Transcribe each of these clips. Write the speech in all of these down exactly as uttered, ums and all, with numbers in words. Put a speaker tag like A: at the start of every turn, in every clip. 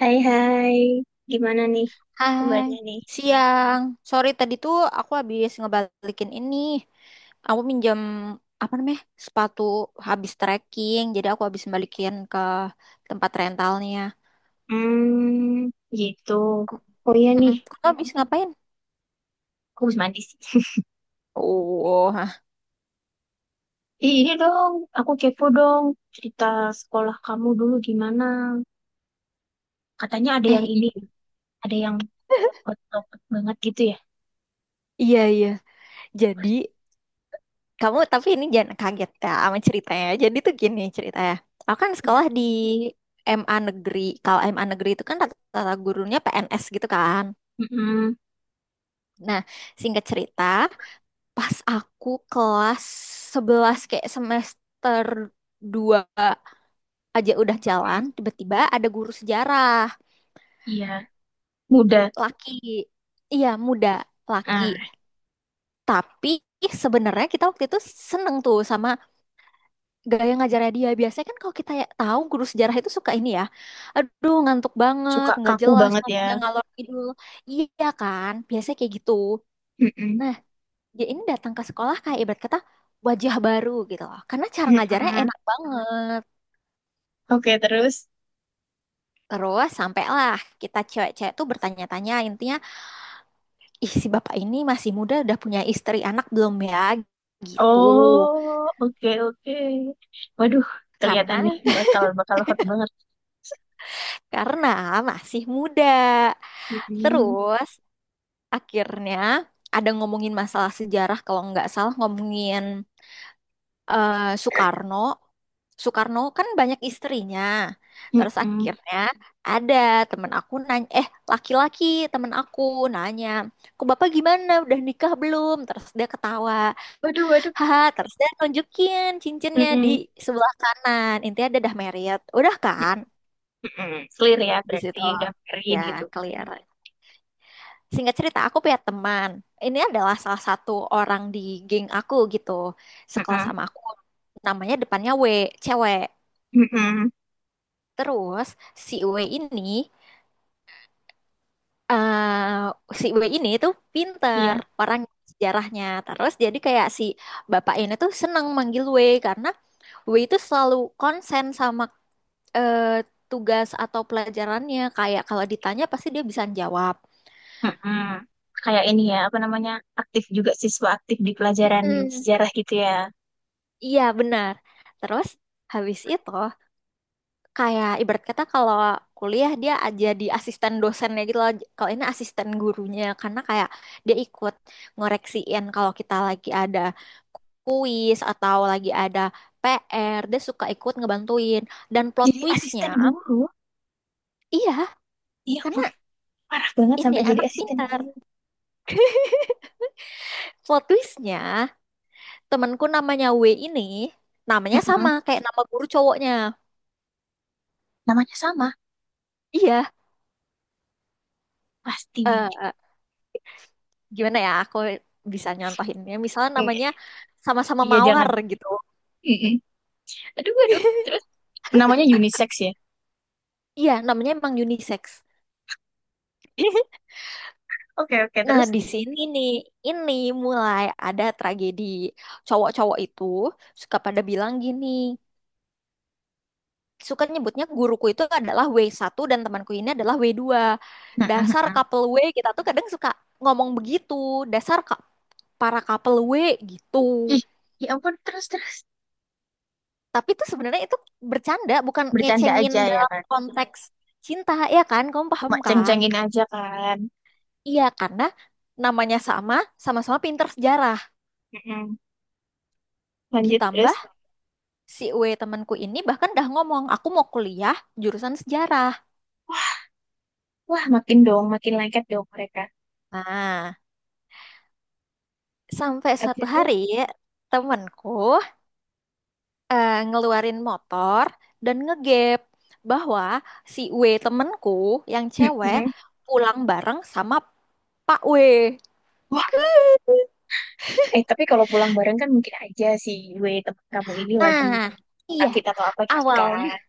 A: Hai hai, gimana nih
B: Hai,
A: kabarnya nih?
B: siang. Sorry tadi tuh aku habis ngebalikin ini. Aku minjam apa namanya? Sepatu habis trekking. Jadi aku habis balikin ke tempat rentalnya.
A: Hmm, gitu.
B: Ke-
A: Oh iya nih,
B: Mm-mm. Kamu habis ngapain?
A: aku harus mandi sih.
B: Oh, hah.
A: Ih, ini dong, aku kepo dong cerita sekolah kamu dulu gimana. Katanya ada yang
B: eh i-
A: ini, ada yang otot banget gitu ya.
B: iya iya. Jadi kamu tapi ini jangan kaget ya sama ceritanya. Jadi tuh gini ceritanya. Aku kan
A: Iya.
B: sekolah di M A Negeri. Kalau M A Negeri itu kan rata-rata gurunya P N S gitu kan.
A: Mm-mm,
B: Nah, singkat cerita. Pas aku kelas sebelas kayak semester dua aja udah jalan,
A: mm-mm.
B: tiba-tiba ada guru sejarah
A: Iya, muda.
B: laki. Iya, muda laki.
A: Ah,
B: Tapi sebenarnya kita waktu itu seneng tuh sama gaya ngajarnya dia. Biasanya kan kalau kita ya tahu guru sejarah itu suka ini ya. Aduh, ngantuk banget,
A: suka
B: nggak
A: kaku
B: jelas
A: banget ya.
B: ngomongnya ngalor ngidul. Iya kan? Biasanya kayak gitu.
A: Mm-mm,
B: Nah, dia ini datang ke sekolah kayak ibarat kata wajah baru gitu loh. Karena cara ngajarnya
A: mm-mm.
B: enak banget.
A: Oke, terus.
B: Terus sampailah kita cewek-cewek tuh bertanya-tanya intinya, ih si bapak ini masih muda udah punya istri anak belum ya? Gitu.
A: Oh, oke oke. Waduh, kelihatan nih
B: Karena
A: bakal bakal hot banget.
B: karena masih muda.
A: Mm-mm.
B: Terus akhirnya ada ngomongin masalah sejarah kalau nggak salah ngomongin eh, Soekarno. Soekarno kan banyak istrinya. Terus
A: Mm-mm.
B: akhirnya ada temen aku nanya, eh laki-laki temen aku nanya, kok bapak gimana udah nikah belum? Terus dia ketawa,
A: Waduh, waduh.
B: haha. Terus dia nunjukin cincinnya di
A: Mm-mm.
B: sebelah kanan. Intinya ada dah married, udah kan
A: Mm-mm. Clear ya,
B: di
A: berarti
B: situ
A: udah married
B: ya
A: gitu.
B: clear. Singkat cerita aku punya teman. Ini adalah salah satu orang di geng aku gitu, sekelas
A: Mm-mm.
B: sama aku. Namanya depannya W, cewek.
A: Mm-mm.
B: Terus si W ini eh si W ini tuh pinter
A: Iya.
B: orang sejarahnya. Terus jadi kayak si bapak ini tuh seneng manggil W karena W itu selalu konsen sama eh, tugas atau pelajarannya. Kayak kalau ditanya pasti dia bisa jawab.
A: Mm-mm. Kayak ini ya, apa namanya, aktif juga, siswa aktif di pelajaran
B: Mm-mm.
A: sejarah gitu ya.
B: Iya benar. Terus habis itu kayak ibarat kata kalau kuliah dia aja di asisten dosennya gitu loh. Kalau ini asisten gurunya karena kayak dia ikut ngoreksiin kalau kita lagi ada kuis atau lagi ada P R, dia suka ikut ngebantuin. Dan plot
A: Jadi
B: twistnya,
A: asisten guru,
B: iya,
A: iya
B: karena
A: pun parah banget
B: ini
A: sampai jadi
B: anak
A: asisten
B: pintar.
A: guru.
B: Plot twistnya, temanku namanya W ini, namanya sama
A: Mm-mm.
B: kayak nama guru cowoknya.
A: Namanya sama,
B: Iya,
A: pasti Widi.
B: eh gimana ya, aku bisa nyontohinnya. Misalnya
A: Mm.
B: namanya sama-sama
A: Iya, jangan.
B: Mawar gitu.
A: Mm-mm. Aduh, aduh. Terus, namanya unisex ya.
B: Iya, namanya emang unisex.
A: Oke, oke,
B: Nah,
A: terus.
B: di sini nih, ini mulai ada tragedi. Cowok-cowok itu suka pada bilang gini, suka nyebutnya guruku itu adalah w satu dan temanku ini adalah w dua. Dasar
A: Mm-mm.
B: couple W, kita tuh kadang suka ngomong begitu, dasar ka- para couple W gitu.
A: Ih, ya ampun, terus, terus.
B: Tapi itu sebenarnya itu bercanda, bukan
A: Bercanda
B: ngecengin
A: aja ya
B: dalam
A: kan.
B: konteks cinta, ya kan? Kamu paham
A: Cuma
B: kan?
A: ceng-cengin aja, kan.
B: Iya, karena namanya sama, sama-sama pinter sejarah.
A: Mm-mm. Lanjut terus.
B: Ditambah si W temanku ini bahkan dah ngomong, aku mau kuliah jurusan sejarah.
A: Wah, makin dong, makin lengket dong mereka.
B: Nah, sampai suatu
A: Habis itu.
B: hari temanku eh, ngeluarin motor dan ngegap bahwa si W temanku yang cewek
A: Mm-mm.
B: pulang bareng sama Pak W.
A: Wah. Eh tapi kalau pulang bareng kan mungkin aja si gue teman kamu ini lagi
B: Nah, iya,
A: sakit atau apa gitu
B: awalnya
A: kan.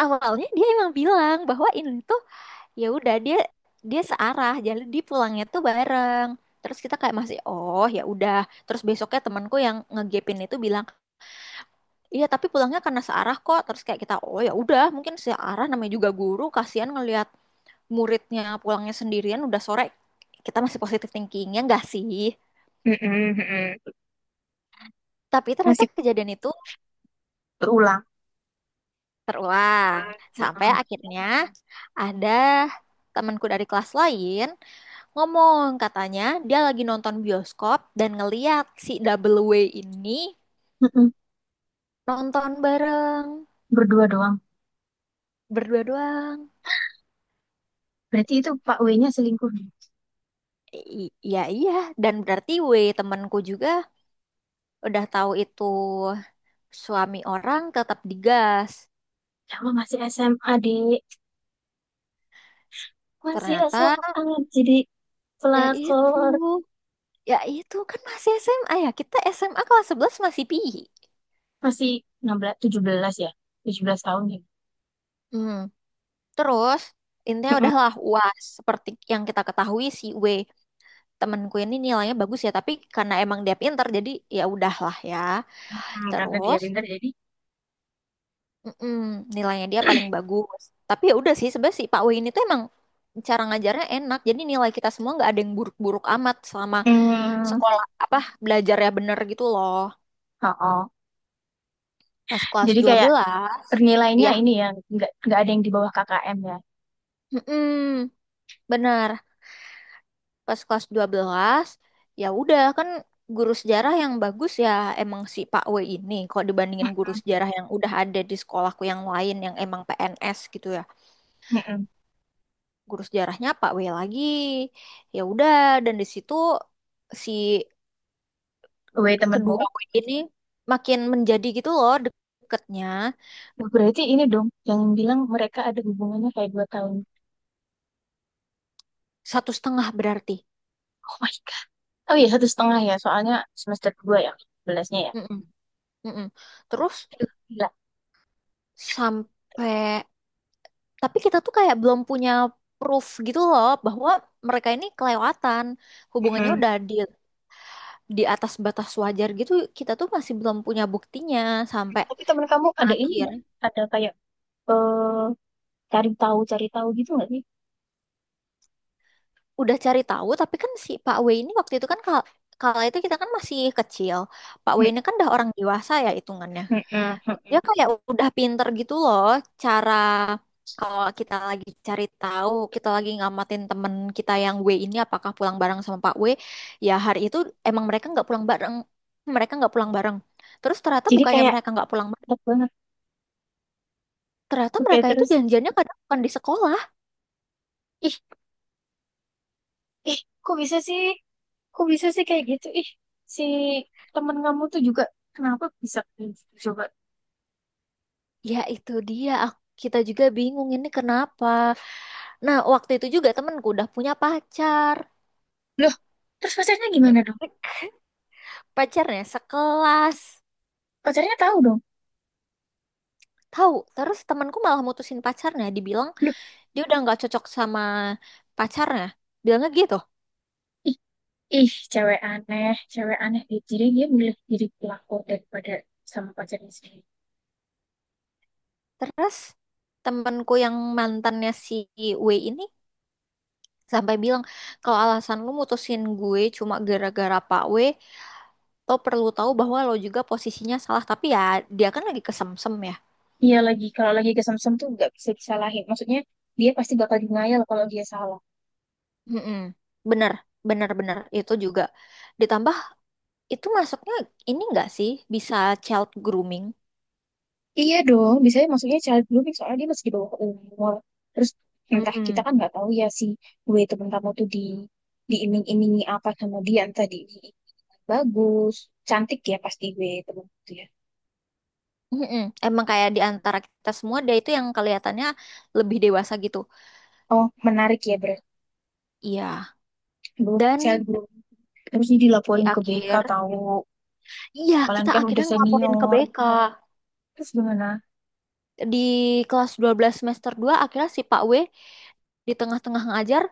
B: awalnya dia emang bilang bahwa ini tuh ya udah dia dia searah jadi dia pulangnya tuh bareng. Terus kita kayak masih oh ya udah. Terus besoknya temanku yang ngegepin itu bilang iya tapi pulangnya karena searah kok. Terus kayak kita oh ya udah mungkin searah namanya juga guru kasihan ngelihat muridnya pulangnya sendirian udah sore. Kita masih positive thinking ya enggak sih.
A: Mm-mm, mm-mm.
B: Tapi ternyata
A: Masih
B: kejadian itu
A: berulang.
B: terulang sampai
A: Mm-mm,
B: akhirnya ada temanku dari kelas lain ngomong katanya dia lagi nonton bioskop dan ngeliat si Double W ini
A: mm-mm.
B: nonton bareng
A: Berdua doang.
B: berdua doang.
A: Berarti itu Pak W-nya selingkuh
B: I- Iya, iya. Dan berarti W temanku juga udah tahu itu suami orang tetap digas.
A: sama masih S M A, dek, masih
B: Ternyata
A: S M A, jadi
B: ya itu
A: pelakor,
B: ya itu kan masih S M A ya, kita S M A kelas sebelas masih pi.
A: masih enam belas tujuh belas ya, tujuh belas tahun ya.
B: Hmm. Terus intinya udahlah uas seperti yang kita ketahui si W temenku ini nilainya bagus ya tapi karena emang dia pinter jadi ya udahlah ya.
A: Hmm, karena dia
B: Terus
A: pintar jadi
B: mm-mm, nilainya dia paling bagus. Tapi ya udah sih sebenarnya si Pak Wei ini tuh emang cara ngajarnya enak jadi nilai kita semua nggak ada yang buruk-buruk amat selama
A: hmm,
B: sekolah apa belajarnya bener gitu loh.
A: oh, oh.
B: Pas kelas
A: Jadi
B: dua
A: kayak
B: belas
A: nilainya
B: ya,
A: ini ya, nggak nggak ada yang di bawah K K M ya.
B: mm-mm, bener. Pas kelas dua belas ya udah kan guru sejarah yang bagus ya emang si Pak W ini kalau dibandingin guru sejarah yang udah ada di sekolahku yang lain yang emang P N S gitu ya,
A: Mm-mm.
B: guru sejarahnya Pak W lagi ya udah. Dan di situ si
A: Weh, temenmu.
B: kedua W ini makin menjadi gitu loh deketnya.
A: Nah, berarti ini dong, yang bilang mereka ada hubungannya kayak dua tahun.
B: Satu setengah berarti.
A: Oh my God. Oh iya, satu setengah ya, soalnya semester dua ya, belasnya ya.
B: Mm-mm, mm-mm. Terus
A: Aduh, gila.
B: sampai tapi kita tuh kayak belum punya proof gitu loh bahwa mereka ini kelewatan hubungannya
A: Mm-mm.
B: udah di di atas batas wajar gitu kita tuh masih belum punya buktinya sampai
A: Tapi temen kamu ada ini
B: akhir.
A: nggak? Ada kayak eh, cari tahu, cari tahu gitu nggak sih?
B: Udah cari tahu tapi kan si Pak W ini waktu itu kan kalau kalau itu kita kan masih kecil. Pak W ini kan udah orang dewasa ya hitungannya.
A: Mm-mm,
B: Dia
A: mm-mm.
B: kayak udah pinter gitu loh cara kalau kita lagi cari tahu, kita lagi ngamatin temen kita yang W ini apakah pulang bareng sama Pak W, ya hari itu emang mereka nggak pulang bareng, mereka nggak pulang bareng. Terus ternyata
A: Jadi
B: bukannya
A: kayak
B: mereka nggak pulang bareng,
A: enak banget.
B: ternyata
A: Oke,
B: mereka itu
A: terus.
B: janjiannya kadang bukan di sekolah.
A: Ih, ih, kok bisa sih? Kok bisa sih kayak gitu? Ih, si temen kamu tuh juga kenapa bisa kayak gitu coba?
B: Ya itu dia, aku- kita juga bingung ini kenapa. Nah waktu itu juga temenku udah punya pacar,
A: Loh, terus pacarnya gimana dong?
B: pacarnya sekelas.
A: Pacarnya tahu dong.
B: Tahu, terus temanku malah mutusin pacarnya, dibilang
A: Loh,
B: dia udah nggak cocok sama pacarnya bilangnya gitu.
A: ih, ih, cewek aneh, cewek aneh. Ih, jadi dia milih jadi pelaku daripada sama pacarnya sendiri.
B: Terus temenku yang mantannya si W ini sampai bilang kalau alasan lu mutusin gue cuma gara-gara Pak W, lo perlu tahu bahwa lo juga posisinya salah tapi ya dia kan lagi kesemsem ya.
A: Iya lagi, kalau lagi kesem-sem tuh nggak bisa disalahin. Maksudnya dia pasti bakal denial kalau dia salah.
B: Mm-mm. Bener, bener, bener itu juga ditambah itu masuknya ini nggak sih bisa child grooming.
A: Iya dong, biasanya maksudnya child grooming soalnya dia masih di bawah umur. Terus entah kita
B: Mm.
A: kan nggak tahu ya si gue temen kamu tuh di diiming-imingi apa sama dia, entah di bagus, cantik ya pasti gue temen itu ya.
B: Mm-mm. Emang kayak di antara kita semua dia itu yang kelihatannya lebih dewasa gitu.
A: Oh, menarik ya berarti.
B: Iya,
A: Aduh, child
B: dan
A: grooming. Terus ini
B: di
A: dilaporin ke B K
B: akhir,
A: tahu,
B: iya
A: kalian
B: kita
A: kan udah
B: akhirnya ngelaporin ke
A: senior.
B: B K.
A: Terus gimana?
B: Di kelas dua belas semester dua akhirnya si Pak W di tengah-tengah ngajar,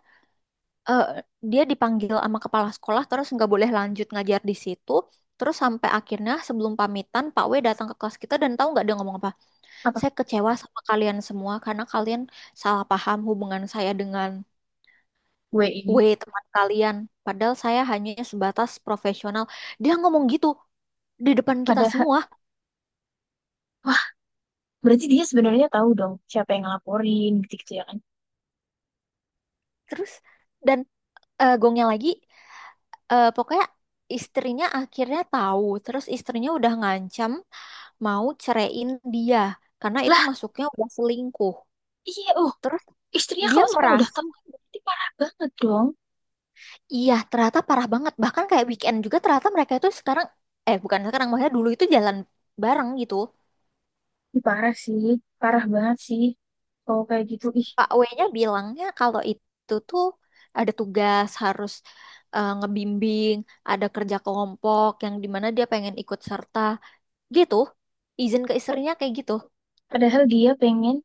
B: eh, dia dipanggil sama kepala sekolah terus nggak boleh lanjut ngajar di situ. Terus sampai akhirnya sebelum pamitan Pak W datang ke kelas kita dan tahu nggak dia ngomong apa?
A: Apa
B: Saya kecewa sama kalian semua karena kalian salah paham hubungan saya dengan
A: gue ini?
B: W teman kalian. Padahal saya hanya sebatas profesional. Dia ngomong gitu di depan kita
A: Padahal,
B: semua.
A: wah, berarti dia sebenarnya tahu dong siapa yang ngelaporin gitu-gitu ya kan.
B: Terus dan eh, gongnya lagi, eh, pokoknya istrinya akhirnya tahu. Terus istrinya udah ngancam mau ceraiin dia karena itu
A: Lah,
B: masuknya udah selingkuh.
A: iya, uh
B: Terus
A: istrinya
B: dia
A: kalau sampai udah
B: merasa
A: tahu kan berarti parah banget dong.
B: iya ternyata parah banget. Bahkan kayak weekend juga ternyata mereka itu sekarang, eh, bukan sekarang maksudnya dulu itu jalan bareng gitu.
A: Ih, parah sih, parah banget sih. Kalau kayak gitu, ih.
B: Pak W-nya bilangnya kalau itu tuh ada tugas harus eh, ngebimbing, ada kerja kelompok yang dimana dia pengen ikut serta. Gitu, izin ke istrinya kayak gitu.
A: Padahal dia pengen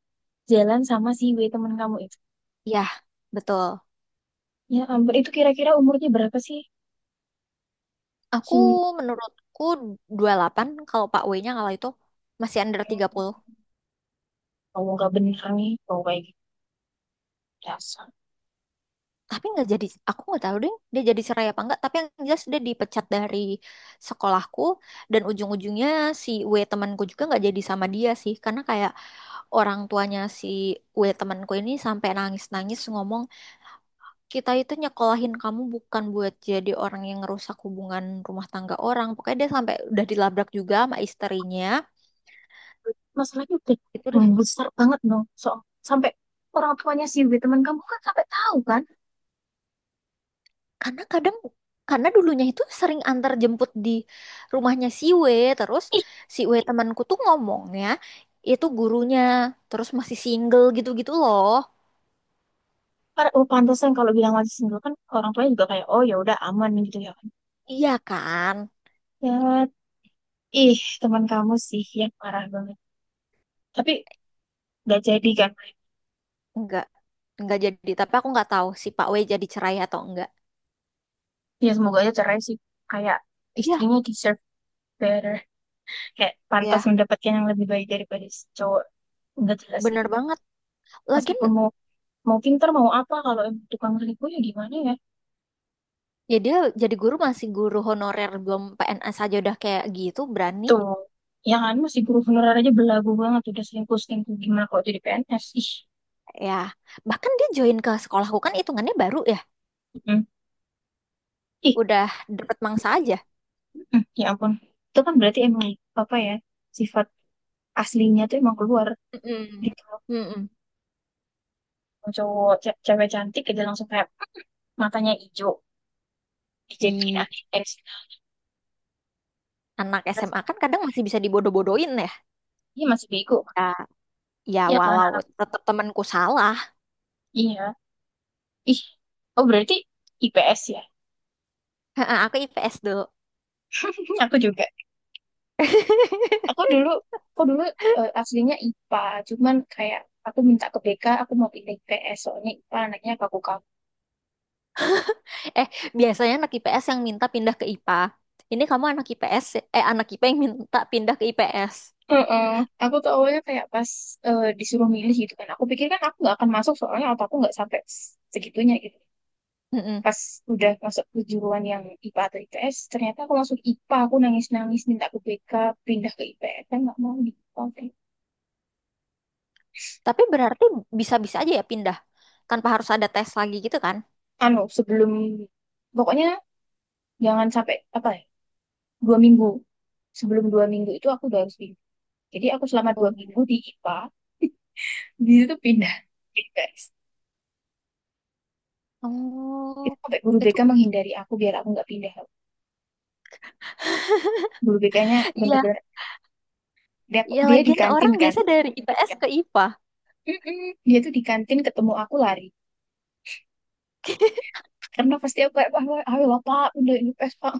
A: jalan sama si W temen kamu itu.
B: Ya, betul.
A: Ya ampun, itu kira-kira umurnya berapa sih?
B: Aku
A: Si
B: menurutku dua puluh delapan kalau Pak W-nya kalau itu masih under tiga puluh.
A: kamu gak bener nih, kalau kayak gitu. Dasar.
B: Tapi nggak jadi, aku nggak tahu deh dia jadi cerai apa enggak. Tapi yang jelas dia dipecat dari sekolahku. Dan ujung-ujungnya si W temanku juga nggak jadi sama dia sih. Karena kayak orang tuanya si W temanku ini sampai nangis-nangis ngomong kita itu nyekolahin kamu bukan buat jadi orang yang ngerusak hubungan rumah tangga orang. Pokoknya dia sampai udah dilabrak juga sama istrinya.
A: Masalahnya udah
B: Itu deh.
A: besar banget dong. So, sampai orang tuanya si W temen kamu kan sampai tahu kan?
B: Karena kadang karena dulunya itu sering antar jemput di rumahnya si W, terus
A: Ih,
B: si W temanku tuh ngomongnya itu gurunya, terus masih single gitu-gitu loh.
A: para, oh, pantesan kalau bilang masih single kan orang tuanya juga kayak, oh ya udah aman gitu ya kan.
B: Iya kan?
A: Ya, ih teman kamu sih yang parah banget. Tapi gak jadi kan?
B: Enggak. Enggak jadi, tapi aku nggak tahu si Pak W jadi cerai atau enggak.
A: Ya semoga aja cerai sih, kayak
B: Iya,
A: istrinya deserve better, kayak pantas
B: ya,
A: mendapatkan yang lebih baik daripada si cowok nggak jelas sih.
B: bener banget. Lagian
A: Meskipun mau mau pinter mau apa kalau emang tukang selingkuh ya gimana ya.
B: ya dia jadi guru masih guru honorer belum P N S aja udah kayak gitu berani
A: Tuh ya kan, masih guru honorer aja belagu banget udah selingkuh selingkuh, gimana kalau jadi P N S, ih.
B: ya. Bahkan dia join ke sekolahku kan hitungannya baru ya.
A: Mm, ih.
B: Udah dapet mangsa aja.
A: Mm, ya ampun. Itu kan berarti emang apa ya, sifat aslinya tuh emang keluar
B: Mm-mm.
A: gitu.
B: Mm-mm.
A: Cowok ce- cewek cantik aja langsung kayak matanya hijau dijadiin
B: Ih,
A: A S.
B: anak
A: Terus
B: S M A kan kadang masih bisa dibodoh-bodohin ya.
A: dia masih bego.
B: Ya, ya
A: Iya kan
B: walau
A: anak.
B: tetap temanku salah.
A: Iya. Ih. Oh berarti I P S ya.
B: Aku I P S dulu.
A: Aku juga. Aku dulu aku dulu eh, aslinya I P A, cuman kayak aku minta ke BK, aku mau pilih I P S soalnya I P A anaknya kaku-kaku.
B: Eh, biasanya anak I P S yang minta pindah ke I P A. Ini kamu anak I P S, eh anak I P A yang minta pindah ke I P S.
A: Heeh. Aku tuh awalnya kayak pas eh, disuruh milih gitu kan. Aku pikir kan aku nggak akan masuk soalnya otakku nggak sampai segitunya gitu. Pas udah masuk kejuruan yang I P A atau I P S, ternyata aku masuk I P A. Aku nangis-nangis minta ke B K pindah ke I P S, kan nggak mau di I P A.
B: Tapi berarti bisa-bisa aja ya pindah tanpa harus ada tes lagi gitu kan?
A: Anu, sebelum, pokoknya jangan sampai apa ya, dua minggu, sebelum dua minggu itu aku udah harus pindah. Jadi aku selama dua
B: Oh.
A: minggu di I P A, di situ pindah. Jadi, guys, itu
B: Oh,
A: sampai guru
B: itu
A: B K menghindari aku biar aku nggak pindah. Guru BK-nya
B: iya,
A: bener-bener dia,
B: iya
A: dia di
B: lagian
A: kantin
B: orang
A: kan.
B: biasa dari I P S ke I P A.
A: Mm-mm. Dia tuh di kantin ketemu aku lari, karena pasti aku kayak ayo ayo lah pak, udah ini pes pak.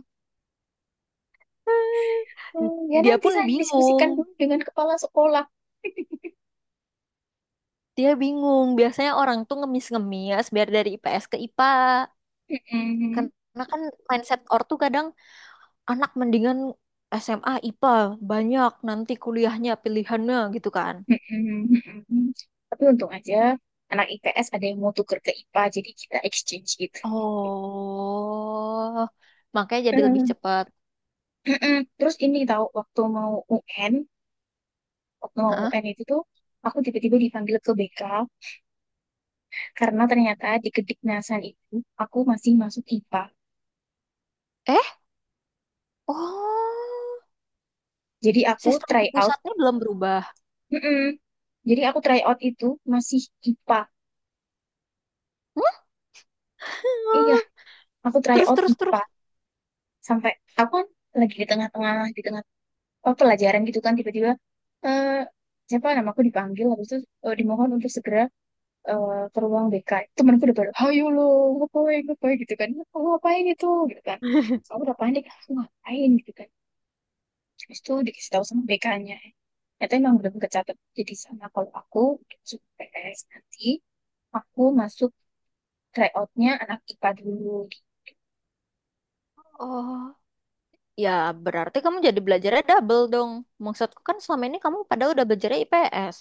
A: "Hmm, ya
B: Dia
A: nanti
B: pun
A: saya diskusikan
B: bingung,
A: dulu dengan kepala sekolah."
B: dia bingung. Biasanya orang tuh ngemis-ngemis biar dari I P S ke I P A.
A: Mm-mm.
B: Karena kan mindset ortu kadang anak mendingan S M A I P A banyak nanti kuliahnya pilihannya gitu kan.
A: Mm-mm. Mm-mm. Tapi untung aja anak I P S ada yang mau tuker ke I P A jadi kita exchange gitu.
B: Oh, makanya jadi lebih cepat.
A: Mm-mm. Terus ini tahu waktu mau U N, waktu mau
B: Hah?
A: U N itu tuh aku tiba-tiba dipanggil ke B K karena ternyata di Kediknasan itu aku masih masuk I P A.
B: Eh? Oh,
A: Jadi aku
B: sistem
A: try
B: di
A: out.
B: pusatnya belum berubah.
A: Mm-mm. Jadi aku try out itu masih I P A. Iya, aku try
B: Terus,
A: out
B: terus, terus.
A: I P A. Sampai aku kan lagi di tengah-tengah, di tengah apa, pelajaran gitu kan, tiba-tiba eh siapa namaku dipanggil, habis itu eh, dimohon untuk segera eh, ke ruang B K. Temanku udah pada, ayo lo ngapain ngapain gitu kan, kamu ngapain itu gitu kan. Aku udah panik, aku ngapain gitu kan. Terus tuh dikasih tahu sama BK-nya, ternyata emang belum kecatat jadi sama kalau aku masuk P P S nanti, aku masuk tryoutnya anak I P A dulu.
B: Oh, ya berarti kamu jadi belajarnya double dong. Maksudku kan selama ini kamu pada udah belajarnya I P S.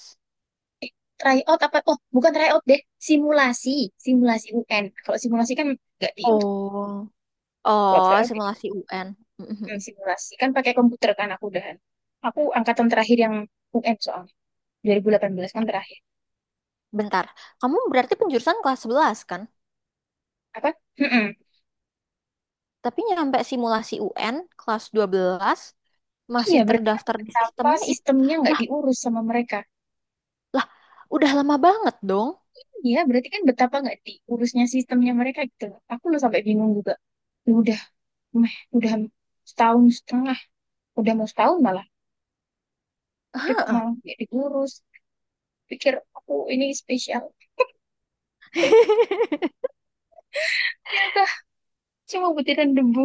A: Tryout apa, oh bukan tryout deh, simulasi simulasi U N. Kalau simulasi kan nggak di itu,
B: Oh,
A: kalau
B: oh,
A: tryout jadi
B: simulasi U N.
A: hmm, simulasi kan pakai komputer kan aku udahan, aku angkatan terakhir yang U N soalnya dua ribu delapan belas kan terakhir.
B: Bentar, kamu berarti penjurusan kelas sebelas kan?
A: Apa? Mm-mm.
B: Tapi nyampe simulasi U N kelas dua belas
A: Iya,
B: masih
A: berarti kan
B: terdaftar di
A: betapa
B: sistemnya I P.
A: sistemnya nggak
B: Lah,
A: diurus sama mereka.
B: lah, udah lama banget dong.
A: Iya, berarti kan betapa nggak diurusnya sistemnya mereka gitu loh. Aku lu sampai bingung juga. Lu udah, meh, udah setahun setengah, udah mau setahun malah. Tapi kok malah nggak diurus. Pikir aku ini spesial. Ternyata cuma butiran debu.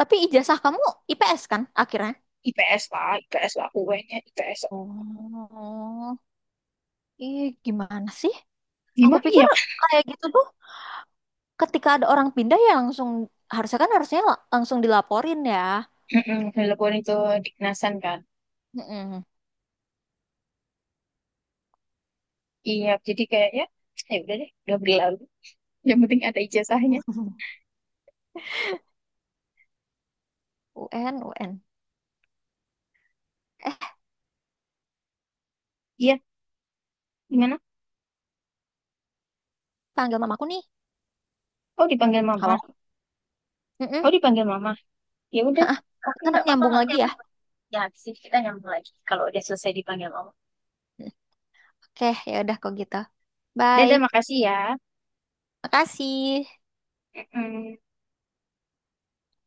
B: Tapi ijazah kamu I P S kan akhirnya?
A: IPS lah, IPS lah, UN-nya IPS.
B: Oh, ih gimana sih? Aku
A: Gimana
B: pikir
A: ya?
B: kayak gitu tuh ketika ada orang pindah ya langsung harusnya kan harusnya la- langsung dilaporin ya.
A: Mm-mm, telepon itu dikenasan kan.
B: Mm-mm.
A: Iya, jadi kayaknya, ya udah deh, udah berlalu. Yang penting ada ijazahnya.
B: U N, U N. Eh,
A: Iya, gimana?
B: panggil mamaku nih.
A: Oh dipanggil mama.
B: Halo.
A: Oh
B: Mm-mm.
A: dipanggil mama. Ya udah,
B: Ha-ah.
A: aku
B: Ntar
A: nggak apa-apa
B: nyambung
A: nggak
B: lagi ya.
A: apa-apa. Ya habis ini kita nyambung lagi kalau udah selesai dipanggil mama.
B: Oke, ya udah kok gitu.
A: Dadah,
B: Bye.
A: makasih ya.
B: Makasih.
A: Mm-mm.